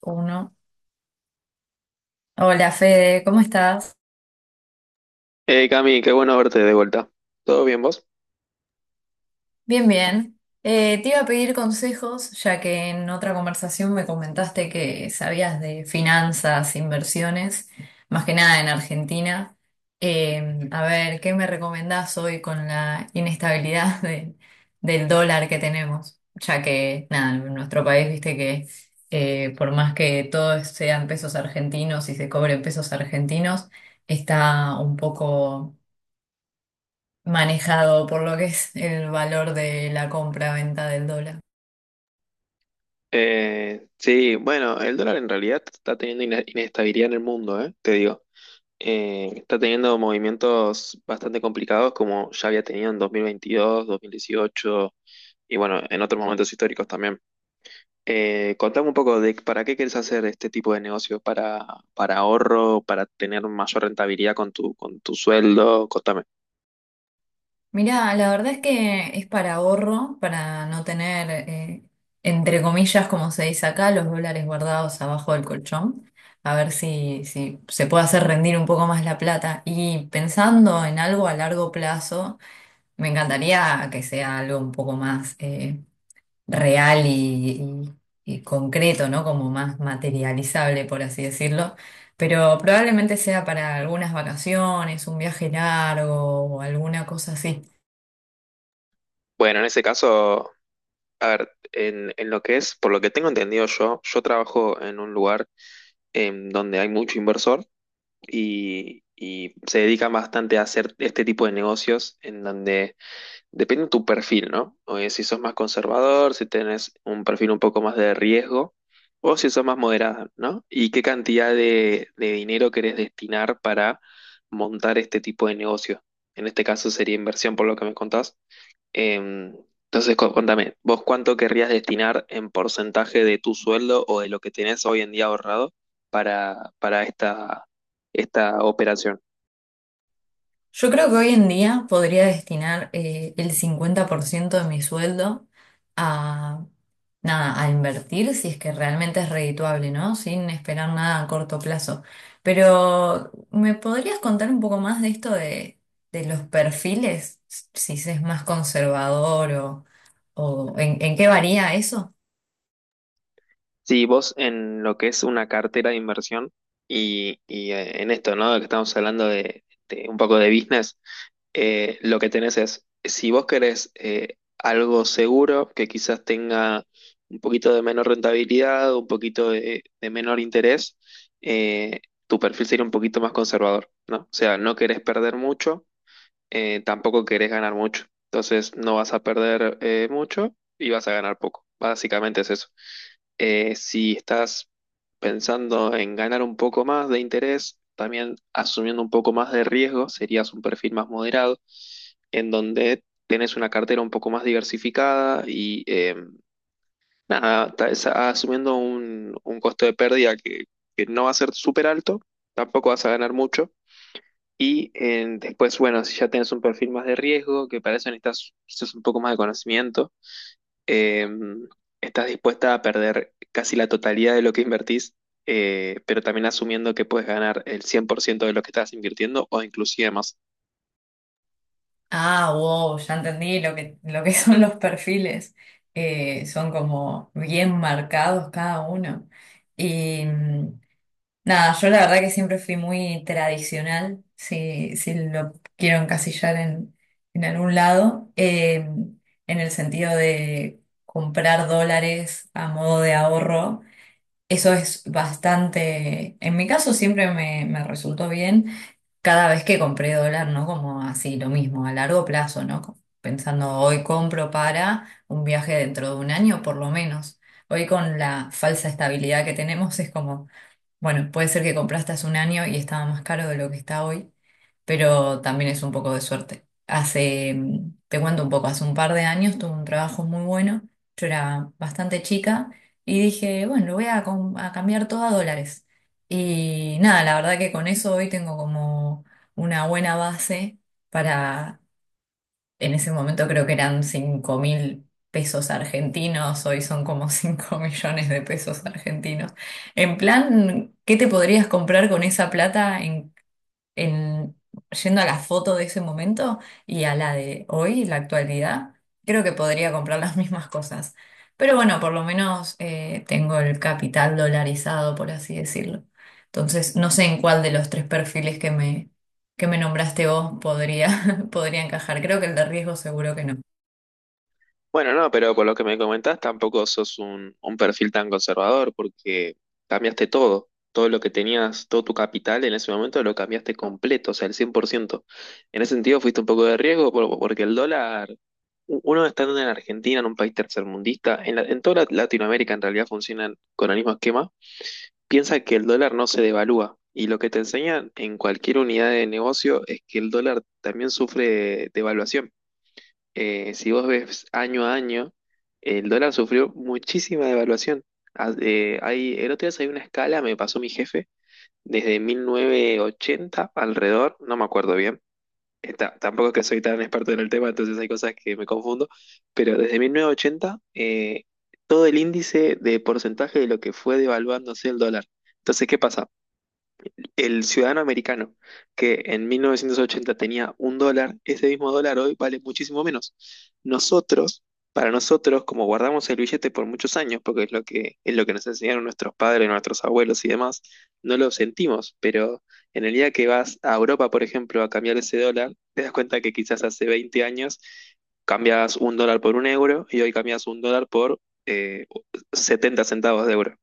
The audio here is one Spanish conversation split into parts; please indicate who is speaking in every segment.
Speaker 1: Uno. Hola Fede, ¿cómo estás?
Speaker 2: Hey Cami, qué bueno verte de vuelta. ¿Todo bien vos?
Speaker 1: Bien, bien. Te iba a pedir consejos, ya que en otra conversación me comentaste que sabías de finanzas, inversiones, más que nada en Argentina. A ver, ¿qué me recomendás hoy con la inestabilidad del dólar que tenemos? Ya que, nada, en nuestro país, viste que por más que todos sean pesos argentinos y se cobren pesos argentinos, está un poco manejado por lo que es el valor de la compra-venta del dólar.
Speaker 2: Sí, bueno, el dólar en realidad está teniendo inestabilidad en el mundo, te digo. Está teniendo movimientos bastante complicados como ya había tenido en dos mil veintidós, dos mil dieciocho, y bueno, en otros momentos históricos también. Contame un poco de para qué quieres hacer este tipo de negocio, para ahorro, para tener mayor rentabilidad con tu sueldo, contame.
Speaker 1: Mirá, la verdad es que es para ahorro, para no tener, entre comillas, como se dice acá, los dólares guardados abajo del colchón, a ver si se puede hacer rendir un poco más la plata. Y pensando en algo a largo plazo, me encantaría que sea algo un poco más real y concreto, ¿no? Como más materializable, por así decirlo. Pero probablemente sea para algunas vacaciones, un viaje largo o alguna cosa así.
Speaker 2: Bueno, en ese caso... A ver, en lo que es, por lo que tengo entendido yo, yo trabajo en un lugar donde hay mucho inversor y se dedican bastante a hacer este tipo de negocios en donde depende de tu perfil, ¿no? O es si sos más conservador, si tenés un perfil un poco más de riesgo o si sos más moderado, ¿no? Y qué cantidad de dinero querés destinar para montar este tipo de negocio. En este caso sería inversión, por lo que me contás. Em, entonces, contame, ¿vos cuánto querrías destinar en porcentaje de tu sueldo o de lo que tenés hoy en día ahorrado para esta, esta operación?
Speaker 1: Yo creo que hoy en día podría destinar el 50% de mi sueldo a, nada, a invertir si es que realmente es redituable, ¿no? Sin esperar nada a corto plazo. Pero, ¿me podrías contar un poco más de esto de los perfiles? Si es más conservador o, en qué varía eso.
Speaker 2: Si vos en lo que es una cartera de inversión y, en esto, ¿no? Que estamos hablando de un poco de business, lo que tenés es, si vos querés algo seguro que quizás tenga un poquito de menor rentabilidad, un poquito de menor interés, eh, tu perfil sería un poquito más conservador, ¿no? O sea, no querés perder mucho, tampoco querés ganar mucho. Entonces no vas a perder mucho y vas a ganar poco. Básicamente es eso. Si estás pensando en ganar un poco más de interés, también asumiendo un poco más de riesgo, serías un perfil más moderado, en donde tenés una cartera un poco más diversificada y nada, asumiendo un costo de pérdida que no va a ser súper alto, tampoco vas a ganar mucho, y después, bueno, si ya tienes un perfil más de riesgo, que para eso necesitas quizás un poco más de conocimiento, eh, estás dispuesta a perder casi la totalidad de lo que invertís, pero también asumiendo que puedes ganar el 100% de lo que estás invirtiendo o inclusive más.
Speaker 1: Ah, wow, ya entendí lo que son los perfiles. Son como bien marcados cada uno. Y mm, nada, yo la verdad que siempre fui muy tradicional, si, si lo quiero encasillar en algún lado, en el sentido de comprar dólares a modo de ahorro. Eso es bastante, en mi caso siempre me, me resultó bien cada vez que compré dólar, ¿no? Como así, lo mismo, a largo plazo, ¿no? Pensando, hoy compro para un viaje dentro de un año, por lo menos. Hoy con la falsa estabilidad que tenemos es como, bueno, puede ser que compraste hace un año y estaba más caro de lo que está hoy, pero también es un poco de suerte. Te cuento un poco, hace un par de años tuve un trabajo muy bueno, yo era bastante chica y dije, bueno, lo voy a cambiar todo a dólares. Y nada, la verdad que con eso hoy tengo como una buena base para, en ese momento creo que eran 5.000 pesos argentinos, hoy son como 5.000.000 de pesos argentinos. En plan, ¿qué te podrías comprar con esa plata en, yendo a la foto de ese momento y a la de hoy, la actualidad, creo que podría comprar las mismas cosas. Pero bueno, por lo menos tengo el capital dolarizado, por así decirlo. Entonces, no sé en cuál de los tres perfiles que me nombraste vos podría, podría encajar. Creo que el de riesgo seguro que no.
Speaker 2: Bueno, no, pero por lo que me comentás, tampoco sos un perfil tan conservador porque cambiaste todo. Todo lo que tenías, todo tu capital en ese momento lo cambiaste completo, o sea, el 100%. En ese sentido fuiste un poco de riesgo porque el dólar, uno estando en Argentina, en un país tercermundista, en, en toda Latinoamérica en realidad funcionan con el mismo esquema, piensa que el dólar no se devalúa. Y lo que te enseñan en cualquier unidad de negocio es que el dólar también sufre devaluación, si vos ves año a año, el dólar sufrió muchísima devaluación. El otro día salió una escala, me pasó mi jefe, desde 1980 alrededor, no me acuerdo bien. Tampoco es que soy tan experto en el tema, entonces hay cosas que me confundo, pero desde 1980 todo el índice de porcentaje de lo que fue devaluándose el dólar. Entonces, ¿qué pasa? El ciudadano americano, que en 1980 tenía un dólar, ese mismo dólar hoy vale muchísimo menos. Nosotros, para nosotros, como guardamos el billete por muchos años, porque es lo que nos enseñaron nuestros padres, nuestros abuelos y demás, no lo sentimos, pero en el día que vas a Europa, por ejemplo, a cambiar ese dólar, te das cuenta que quizás hace 20 años cambias un dólar por un euro y hoy cambias un dólar por eh, 70 centavos de euro.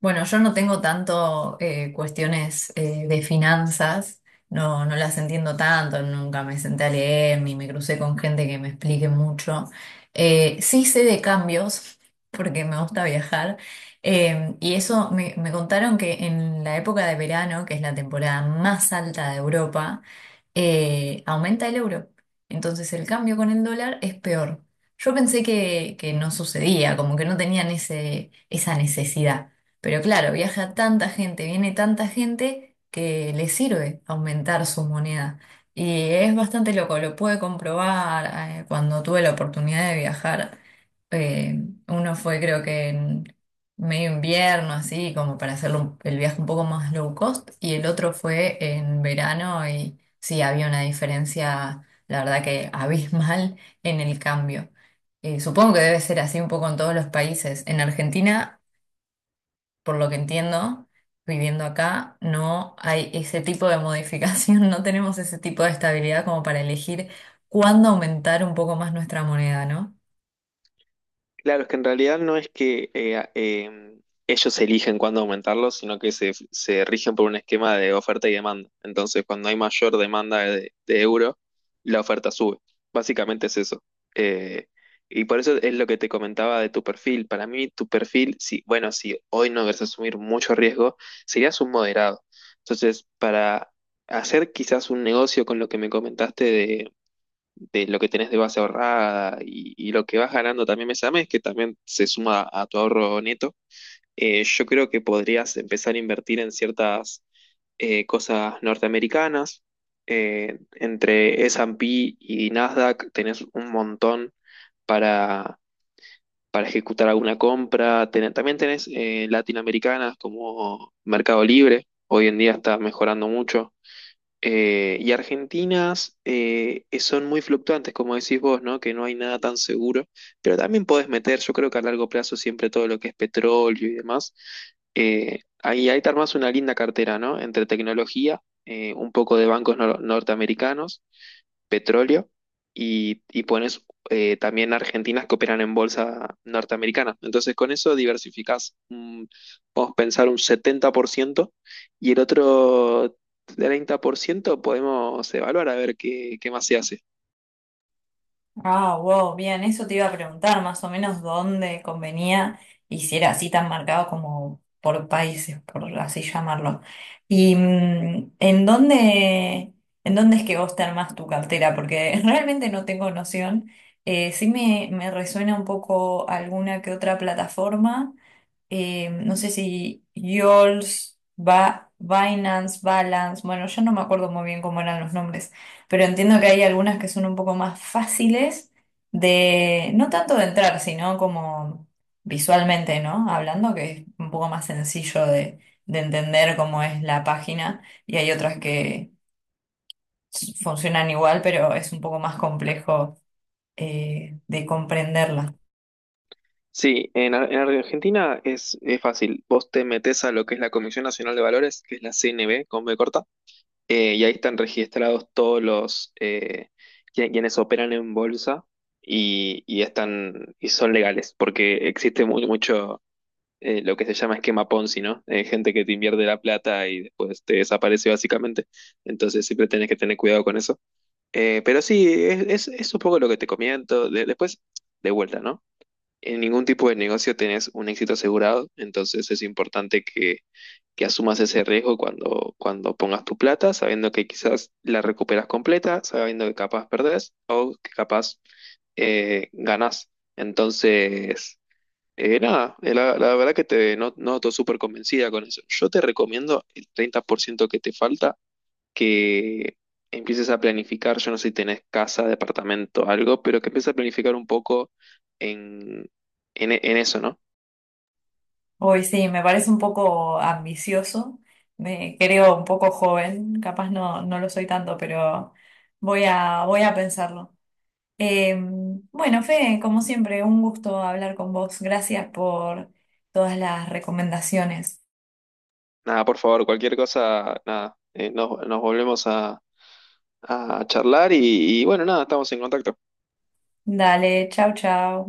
Speaker 1: Bueno, yo no tengo tanto cuestiones de finanzas, no, no las entiendo tanto, nunca me senté a leer ni me crucé con gente que me explique mucho. Sí sé de cambios, porque me gusta viajar, y eso me contaron que en la época de verano, que es la temporada más alta de Europa, aumenta el euro. Entonces el cambio con el dólar es peor. Yo pensé que no sucedía, como que no tenían ese, esa necesidad. Pero claro, viaja tanta gente, viene tanta gente que le sirve aumentar su moneda. Y es bastante loco, lo pude comprobar cuando tuve la oportunidad de viajar. eh, Uno fue creo que en medio invierno, así como para hacer el viaje un poco más low cost, y el otro fue en verano y sí, había una diferencia, la verdad que abismal en el cambio. Supongo que debe ser así un poco en todos los países. En Argentina, por lo que entiendo, viviendo acá, no hay ese tipo de modificación, no tenemos ese tipo de estabilidad como para elegir cuándo aumentar un poco más nuestra moneda, ¿no?
Speaker 2: Claro, es que en realidad no es que ellos eligen cuándo aumentarlos, sino que se rigen por un esquema de oferta y demanda. Entonces, cuando hay mayor demanda de euro, la oferta sube. Básicamente es eso. Eh, y por eso es lo que te comentaba de tu perfil. Para mí, tu perfil, si, bueno, si hoy no querés asumir mucho riesgo, serías un moderado. Entonces, para hacer quizás un negocio con lo que me comentaste de lo que tenés de base ahorrada y lo que vas ganando también mes a mes, que también se suma a tu ahorro neto, yo creo que podrías empezar a invertir en ciertas cosas norteamericanas. Entre S&P y Nasdaq tenés un montón para, para ejecutar alguna compra. También tenés latinoamericanas como Mercado Libre. Hoy en día está mejorando mucho. Y argentinas son muy fluctuantes, como decís vos, ¿no? Que no hay nada tan seguro, pero también podés meter, yo creo que a largo plazo siempre todo lo que es petróleo y demás, ahí, ahí te armás una linda cartera, ¿no? Entre tecnología, un poco de bancos norteamericanos, petróleo y pones también argentinas que operan en bolsa norteamericana. Entonces con eso diversificás, mm, podemos pensar un 70% y el otro 30% podemos evaluar a ver qué, qué más se hace.
Speaker 1: Ah, wow, bien, eso te iba a preguntar más o menos dónde convenía y si era así tan marcado como por países, por así llamarlo. Y mm, en dónde es que vos te armás tu cartera, porque realmente no tengo noción. Me resuena un poco alguna que otra plataforma no sé si Yols, ba Binance, Balance, bueno, yo no me acuerdo muy bien cómo eran los nombres, pero entiendo que hay algunas que son un poco más fáciles de, no tanto de entrar, sino como visualmente, ¿no? Hablando, que es un poco más sencillo de entender cómo es la página, y hay otras que funcionan igual, pero es un poco más complejo de comprenderlas.
Speaker 2: Sí, en, en Argentina es fácil. Vos te metés a lo que es la Comisión Nacional de Valores, que es la CNB, con B corta. Y ahí están registrados todos los quienes operan en bolsa y están y son legales, porque existe muy mucho lo que se llama esquema Ponzi, ¿no? Gente que te invierte la plata y después te desaparece básicamente. Entonces siempre tenés que tener cuidado con eso. Pero sí, es, es un poco lo que te comento. Después, de vuelta, ¿no? En ningún tipo de negocio tenés un éxito asegurado, entonces es importante que asumas ese riesgo cuando, cuando pongas tu plata, sabiendo que quizás la recuperas completa, sabiendo que capaz perdés o que capaz ganás. Entonces, nada, la, la verdad que te noto súper convencida con eso. Yo te recomiendo el 30% que te falta que empieces a planificar, yo no sé si tenés casa, departamento, algo, pero que empieces a planificar un poco en, en eso, ¿no?
Speaker 1: Hoy sí, me parece un poco ambicioso, me creo un poco joven, capaz no, no lo soy tanto, pero voy a, voy a pensarlo. Eh, bueno, Fede, como siempre, un gusto hablar con vos. Gracias por todas las recomendaciones.
Speaker 2: Nada, por favor, cualquier cosa, nada, nos, nos volvemos a charlar y bueno, nada, estamos en contacto.
Speaker 1: Dale, chau, chau.